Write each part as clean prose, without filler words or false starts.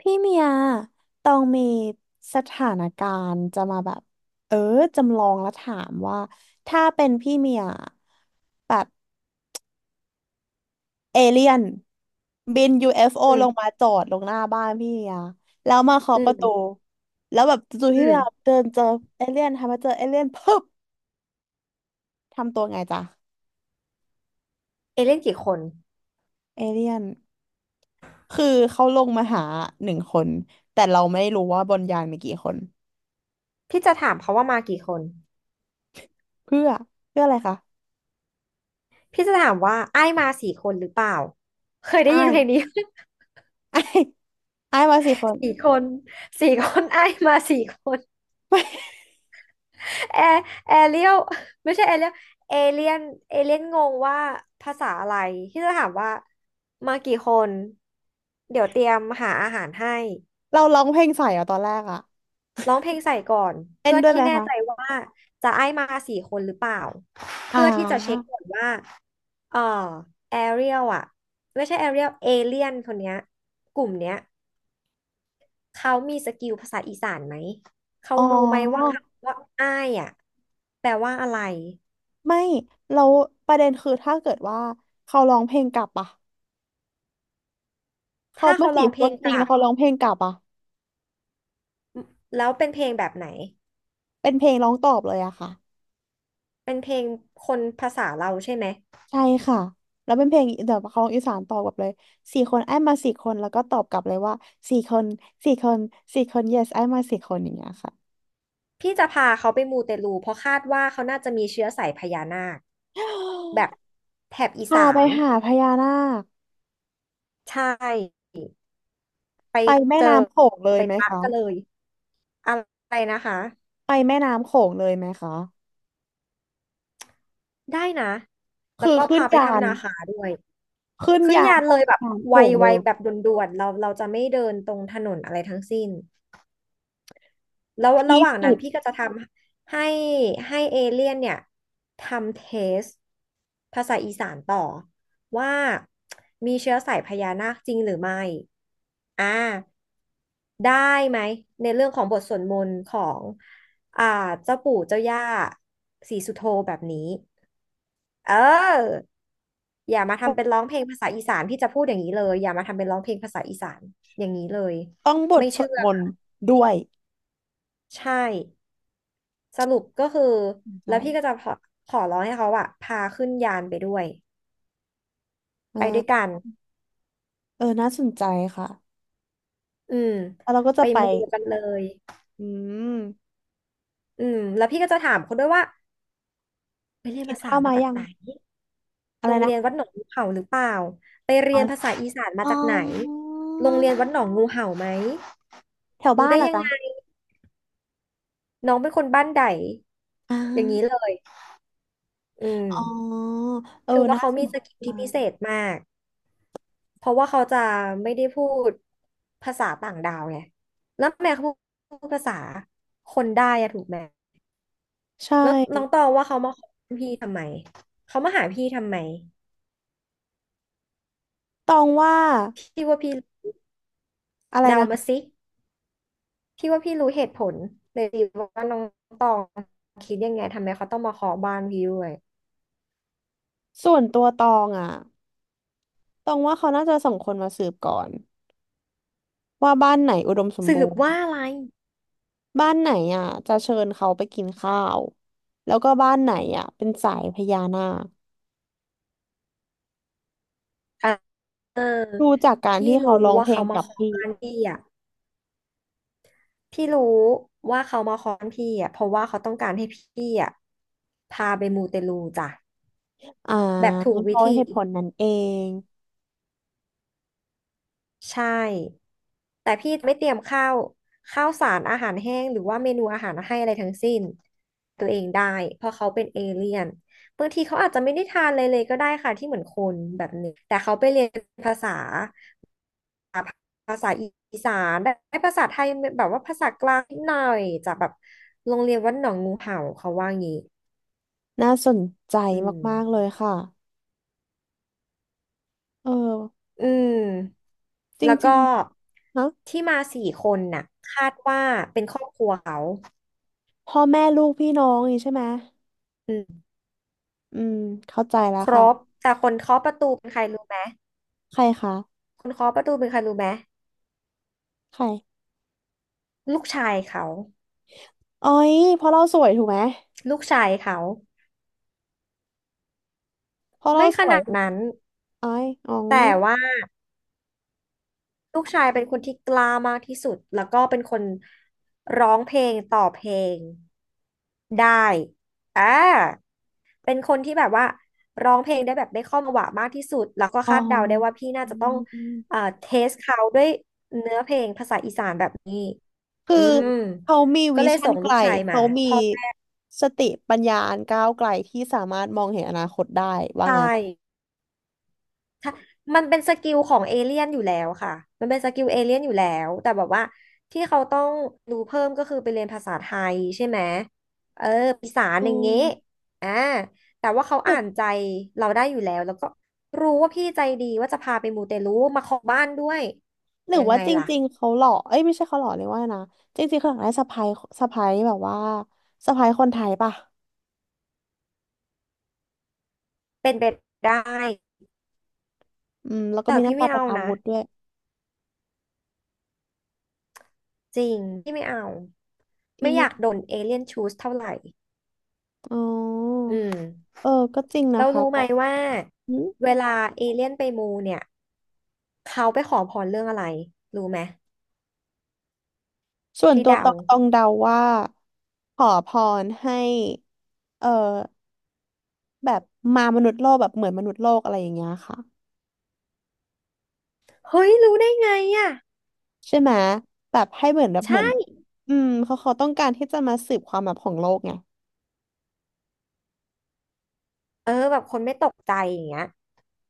พี่เมียตองมีสถานการณ์จะมาแบบเออจำลองแล้วถามว่าถ้าเป็นพี่เมียแบบเอเลี่ยนบินยูเอฟ f ออืลงมมาจอดลงหน้าบ้านพี่เมียแล้วมาเคาะอืประตูมแล้วแบบจู่ๆอืพี่มเมียเดินเจอเอเลี่ยนทำมาเจอเอเลี่ยนปึ๊บทำตัวไงจ๊ะเอเล่นกี่คนเอเลี่ยนคือเขาลงมาหาหนึ่งคนแต่เราไม่รู้ว่าบนยานมีกี่คนพี่จะถามเขาว่ามากี่คนเพื่อเพื่ออะไรคะพี่จะถามว่าไอ้มาสี่คนหรือเปล่าเคยได้อ้ายินยเพลงนี้ อ้ายอ้ายมาสี่คน สี่คนสี่คนไอ้มาสี่คนแอร์แอเรียลไม่ใช่แอเรียลเอเลียนเอเลียนงงว่าภาษาอะไรพี่จะถามว่ามากี่คนเดี๋ยวเตรียมหาอาหารให้ เราร้องเพลงใส่เหรอะตอนแรกอะร้องเพลงใส่ก่อนเต้เพื่นอด้วยที่ไหมแน่คะใจว่าจะไอ้มาสี่คนหรือเปล่าอ่เพื่อที่จะเช็คาก่อนว่าเออแอเรียลอะไม่ใช่แอเรียลเอเลียนคนเนี้ยกลุ่มเนี้ยเขามีสกิลภาษาอีสานไหมเขาอ๋อรู้ไหมว่าคำว่าอ้ายอะแปลว่าอะไรไม่ เราประเด็นคือถ้าเกิดว่าเขาร้องเพลงกลับอะเขาถ้าไม่เขาจีร้องบเพคลนงจกริงลันะบเขาร้องเพลงกลับอะแล้วเป็นเพลงแบบไหนเป็นเพลงร้องตอบเลยอะค่ะเป็นเพลงคนภาษาเราใช่ไหม ใช่ค่ะแล้วเป็นเพลงแบบเขาร้องอีสานตอบกลับเลยสี่คนไอ้มาสี่คนแล้วก็ตอบกลับเลยว่าสี่คนสี่คนสี่คน yes ไอ้มาสี่คนอย่างเงี้ยค่ะพี่จะพาเขาไปมูเตลูเพราะคาดว่าเขาน่าจะมีเชื้อสายพญานาคแบบแถบอีพาสาไปนหาพญานาคใช่ไปไปแม่เจอน้ำโขงเลยไปไหมปะคะกันเลยอะไรนะคะไปแม่น้ำโขงเลยไหมคะได้นะแล้คืวอก็ขึ้นพาไปยาทำน นาคาด้วยขึ้นขึ้นยานยานไปเลยแบบทางโป่งเลไวยๆแบบด่วนๆเราจะไม่เดินตรงถนนอะไรทั้งสิ้น แล้วระที่หว่างนั้สุนดพี่ก็จะทำให้เอเลี่ยนเนี่ยทำเทสภาษาอีสานต่อว่ามีเชื้อสายพญานาคจริงหรือไม่อ่าได้ไหมในเรื่องของบทสวดมนต์ของอ่าเจ้าปู่เจ้าย่าศรีสุโธแบบนี้เอออย่ามาทำเป็นร้องเพลงภาษาอีสานพี่จะพูดอย่างนี้เลยอย่ามาทำเป็นร้องเพลงภาษาอีสานอย่างนี้เลยต้องบทไม่สเชื่วดอมนค่ะต์ด้วยใช่ สรุปก็คือใช่แล้วพี่ก็จะขอขอร้องให้เขาอะพาขึ้นยานไปด้วยเอไปด้วอยกันเออน่าสนใจค่ะ อืมแล้วเราก็ไปจะไปมูกันเลยอืมอืมแล้วพี่ก็จะถามเขาด้วยว่าไปเรียนกินภาษาข้าวมามาจากยังไหนอะโรไรงเรียนนะวัดหนองงูเห่าหรือเปล่าไปเรีอ๋อยนภาษาอีสานมาอ๋จากไหนอโรงเรียนวัดหนองงูเห่าไหมแถวรู้บ้านได้เหรอยังไงจ๊ะน้องเป็นคนบ้านใดอ่อย่างนี้เลายอืมอ๋อเออคือว่าน่าเขาสมีนใสกิลที่พิเศจ ษมาก เพราะว่าเขาจะไม่ได้พูดภาษาต่างดาวไงแล้วแม่เขาพูดภาษาคนได้อะถูกไหมใช่แล้วน้องตองว่าเขามาขอพี่ทำไมเขามาหาพี่ทำไมตองว่า พี่ว่าพี่อะไรเดานะมาคะ สิพี่ว่าพี่รู้เหตุผลเลยสิว่าน้องตองคิดยังไงทำไมเขาต้องมาขอบ้านพี่ด้วยส่วนตัวตองอ่ะตองว่าเขาน่าจะส่งคนมาสืบก่อนว่าบ้านไหนอุดมสมสืบูบรณ์ ว่าอะไรบ้านไหนอ่ะจะเชิญเขาไปกินข้าว แล้วก็บ้านไหนอ่ะเป็นสายพญานาคเออดูจากการพี่ที่เขารู้ร้องว่าเพลเขางมากับขอพี่ บ้านพี่อ่ะ พี่รู้ว่าเขามาค้อนพี่อ่ะเพราะว่าเขาต้องการให้พี่อ่ะพาไปมูเตลูจ้ะอ่าแบบถูกเพวิราะธี เหตุผลนั้นเองใช่แต่พี่ไม่เตรียมข้าวข้าวสารอาหารแห้งหรือว่าเมนูอาหารให้อะไรทั้งสิ้นตัวเองได้เพราะเขาเป็นเอเลี่ยนบางทีเขาอาจจะไม่ได้ทานอะไรเลยก็ได้ค่ะที่เหมือนคนแบบนี้แต่เขาไปเรียนภาษาภาษาอีสานได้ภาษาไทยแบบว่าภาษากลางนิดหน่อยจากแบบโรงเรียนวัดหนองงูเห่าเขาว่างี้น่าสนใจอืมมากๆเลยค่ะ เอออืมจแล้วริงก็ๆฮะที่มาสี่คนน่ะคาดว่าเป็นครอบครัวเขา พ่อแม่ลูกพี่น้องนี่ใช่ไหม อืมอืมเข้าใจแล้วครค่ะบแต่คนเคาะประตูเป็นใครรู้ไหมใครคะคนเคาะประตูเป็นใครรู้ไหมใครลูกชายเขาอ๋อยเพราะเราสวยถูกไหมลูกชายเขาเพราะเราไม่สขวยนาดนั้นอ้อยอ๋อแต่ว่าลูกชายเป็นคนที่กล้ามากที่สุดแล้วก็เป็นคนร้องเพลงต่อเพลงได้อ่า เป็นคนที่แบบว่าร้องเพลงได้แบบได้ข้อมาหวะมากที่สุดแล้วก็อ๋อ คาดเดาได้ว่าพี่น่าจะต้องเทสเขาด้วยเนื้อเพลงภาษาอีสานแบบนี้ คืออืม เขามีก็วิเลยชั่ส่นงไกลูลกชายมาเขามีพ่อแม่สติปัญญาอันก้าวไกลที่สามารถมองเห็นอนาคตได้ว่างั้ใช่ นมันเป็นสกิลของเอเลี่ยนอยู่แล้วค่ะมันเป็นสกิลเอเลี่ยนอยู่แล้วแต่แบบว่าที่เขาต้องรู้เพิ่มก็คือไปเรียนภาษาไทยใช่ไหมเออปีสาอือย่างเงี้ยมอ่าแต่ว่าเขาหรืออ่านใจเราได้อยู่แล้วแล้วก็รู้ว่าพี่ใจดีว่าจะพาไปมูเตลูมาขอบ้านด้วยหรือยังว่าไงจล่ะริงๆเขาหล่อเอ้ยไม่ใช่เขาหล่อเลยกว่านะจริงๆเขาอยากได้สะใภ้สะใภ้แบบว่าสะใภ้คนไทยป่ะเป็นไปได้อืมแล้วก็แต่มีหน้าพี่ตาไม่เป็นเอาอานะวุธด้วยจริงพี่ไม่เอาที่ไม่อไม่ยากโดนเอเลี่ยนชูสเท่าไหร่ อ๋ออืมเออก็จริงนะเราคะรู้ไหมเขาว่าอืมเวลาเอเลี่ยนไปมูเนี่ยเขาไปขอพรเรื่องอะไรรู้ไหมส่วนให้ตัวตเดาองตองเดาว่าขอพรให้เออแบบมามนุษย์โลกแบบเหมือนมนุษย์โลกอะไรอย่างเงี้ยค่ะ เฮ้ยรู้ได้ไงอ่ะใช่ไหมแบบให้เหมือนแบบเหมือนใช่อืมเขาต้องการที่จะมาสืบความลับของโลกไงเออแบบคนไม่ตกใจอย่างเงี้ย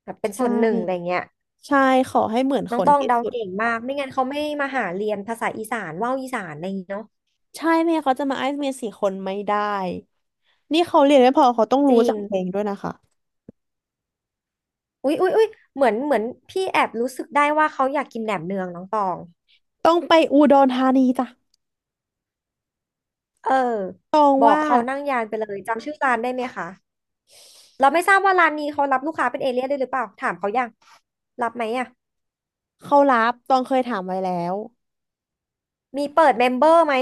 แบบเป็นใช่ส่วนหนึ่งอะไรเงี้ยใช่ขอให้เหมือนน้คองนต้องที่เดาสุดเก่งมากไม่งั้นเขาไม่มาหาเรียนภาษาอีสานว่าวอีสานอะไรอย่างเงี้เนาะใช่ไม่งั้นเขาจะมาไอซ์เมียสี่คนไม่ได้นี่เขาเรียนไม่พอเขาต้องจรู้ริจังกเพลงด้วยนะคะอุ๊ยเหมือนพี่แอบรู้สึกได้ว่าเขาอยากกินแหนมเนืองน้องตองต้องไปอุดรธานีจ้ะเออตองบอกว่าเขานั่งยานไปเลยจำชื่อร้านได้ไหมคะ เราไม่ทราบว่าร้านนี้เขารับลูกค้าเป็นเอเลี่ยนด้วยหรือเปล่าถามเขายังรับไหมอ่ะเขารับตองเคยถามไว้แล้วมีเปิดเมมเบอร์ไหม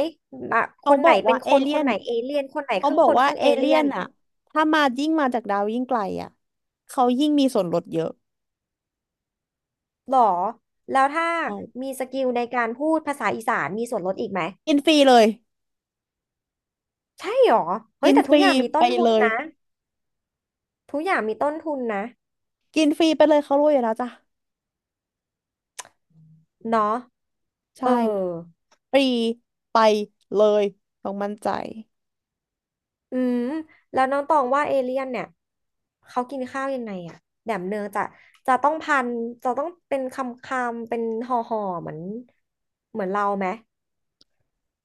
อ่ะคเขานบไหนอกเป็ว่านเอคนเลี่คยนนไหนเอเลี่ยนคนไหนคเขารึ่บงอคกนว่าครึ่งเอเอเลี่เลี่ยยนนอะถ้ามายิ่งมาจากดาวยิ่งไกลอะเขายิ่งมีส่วนลดเยอะหรอแล้วถ้าใช่มีสกิลในการพูดภาษาอีสานมีส่วนลดอีกไหมกินฟรีเลยใช่หรอเฮ้กิยนแต่ฟทุกรีอย่างมีต้ไปนทุเลนย นะทุกอย่างมีต้นทุนนะกินฟรีไปเลยเขารวยอยู่แล้วจ้ะเนาะเอใช่อ ฟรีไปเลยต้องมั่นใจอืมแล้วน้องตองว่าเอเลี่ยนเนี่ยเขากินข้าวยังไงอะแบบเนื้อจะจะต้องพันจะต้องเป็นคำคำเป็นห่อห่อเหมือนเราไหม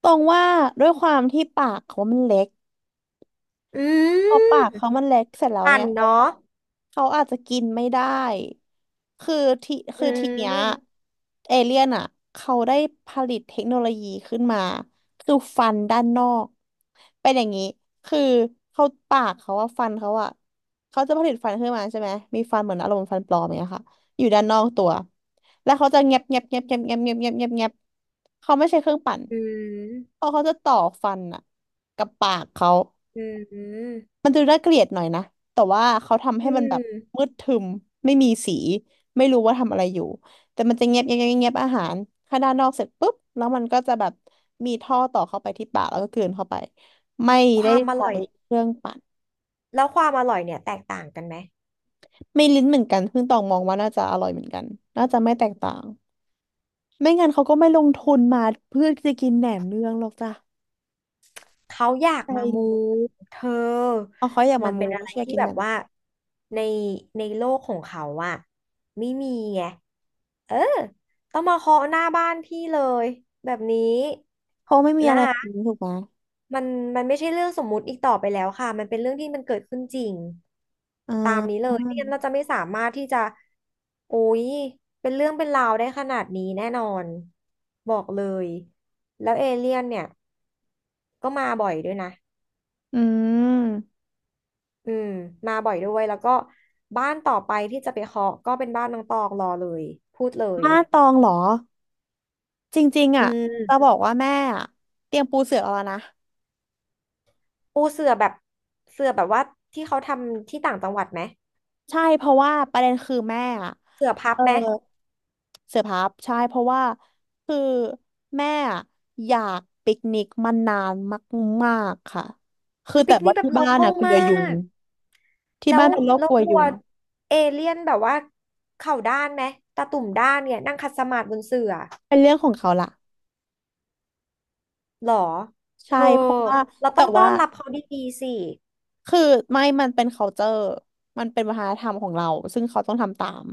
ตรงว่าด้วยความที่ปากเขามันเล็ก อืพอมปากเขามันเล็กเสร็จแล้วพัเนี่นยเขาเนาะเขาอาจจะกินไม่ได้คือที่คือือทีเนี้ยมเอเลี่ยนอ่ะเขาได้ผลิตเทคโนโลยีขึ้นมาคือฟันด้านนอกเป็นอย่างนี้คือเขาปากเขาอะฟันเขาอะเขาจะผลิตฟันขึ้นมาใช่ไหมมีฟันเหมือนอารมณ์ฟันปลอมอย่างเงี้ยค่ะอยู่ด้านนอกตัวแล้วเขาจะเงียบเงียบเงียบเงียบเงียบเงียบเงียบเงียบเงียบเขาไม่ใช้เครื่องปั่นอืมเพราะเขาจะต่อฟันอะกับปากเขา อืมมันดูน่าเกลียดหน่อยนะแต่ว่าเขาทำอืให้มันแบบมมืดทึมไม่มีสีไม่รู้ว่าทำอะไรอยู่ แต่มันจะเงียบเงียบเงียบเงียบอาหารข้างด้านนอกเสร็จปุ๊บแล้วมันก็จะแบบมีท่อต่อเข้าไปที่ปากแล้วก็กลืนเข้าไปไม่คได้วามอใช้ร่อยเครื่องปั่นแล้วความอร่อยเนี่ยแตกต่างกันไหม ไม่ลิ้นเหมือนกันเพิ่งตองมองว่าน่าจะอร่อยเหมือนกันน่าจะไม่แตกต่างไม่งั้นเขาก็ไม่ลงทุนมาเพื่อจะกินแหนมเนืองหรอกจ้ะเขาอยากใชมามู่เธอเอาเขาอยากมัมานมูเป็นอะไม่ไรใช่อยากที่กินแบแหนบมว่าในในโลกของเขาอะไม่มีไงเออต้องมาเคาะหน้าบ้านพี่เลยแบบนี้เพราะไม่มีอะนะไรแบคะบนี้ถูกไหมมันมันไม่ใช่เรื่องสมมุติอีกต่อไปแล้วค่ะมันเป็นเรื่องที่มันเกิดขึ้นจริงอ่นนี้เลายไม่งั้นเราจะไม่สามารถที่จะโอ้ยเป็นเรื่องเป็นราวได้ขนาดนี้แน่นอนบอกเลยแล้วเอเลี่ยนเนี่ยก็มาบ่อยด้วยนะ อืม อืมมาบ่อยด้วยแล้วก็บ้านต่อไปที่จะไปเคาะก็เป็นบ้านน้องตองรอเลยพูดเลยมานตองเหรอจริงๆอือ่ะจะบมอกว่าแม่อะเตรียมปูเสือเอาแล้วนะปูเสื่อแบบเสื่อแบบว่าที่เขาทำที่ต่างจังหวัดไหมใช่เพราะว่าประเด็นคือแม่อะเสื่อพับเออไหมเสือพับใช่เพราะว่าคือแม่อะอยากปิกนิกมานานมากๆค่ะคืออุ้ยแต่ปิกว่านี่แบบที่โลบ้าคนออ่ะลกลัมาวยุงกที่แล้บ้าวนเป็นโรคแล้กวลัวกลัยุวงเอเลี่ยนแบบว่าเข่าด้านไหมตาตุ่มด้านเนี่ยนั่งคัดสมาธิบนเสื่อเป็นเรื่องของเขาล่ะหรอเธใช่อเพราะว่าเราต้แต่องต้อว่า นรับเขาดีๆสิคือไม่มันเป็น culture มันเป็นวัฒนธรรมของเราซึ่งเขาต้องทำตาม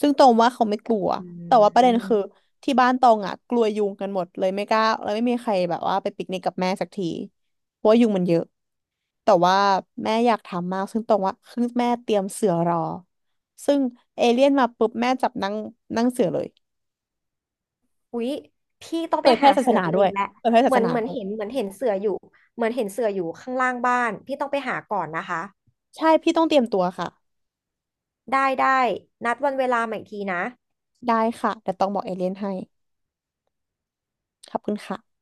ซึ่งตรงว่าเขาไม่กลัวอืแต่ว่าประเด็นคือม ที่บ้านตรงอ่ะกลัวยุงกันหมดเลยไม่กล้า แล้วไม่มีใครแบบว่าไปปิกนิกกับแม่สักทีเพราะว่ายุงมันเยอะแต่ว่าแม่อยากทำมากซึ่งตรงว่าคือแม่เตรียมเสือรอซึ่งเอเลี่ยนมาปุ๊บแม่จับนั่งนั่งเสือเลยอุ๊ยพี่ต้องเผไปยแพร่หาศาสเสือนาตัวด้เอวยงแหละเผยแพร่ศาเหมืสอนนาเหมือนด้วยเห็นเสืออยู่ เหมือนเห็นเสืออยู่ข้างล่างบ้าน พี่ต้องไปหาก่อนนะคะ ใช่พี่ต้องเตรียมตัวค่ะได้ได้ นัดวันเวลาใหม่อีกทีนะได้ค่ะแต่ต้องบอกเอเลี่ยนให้ขอบคุณค่ะ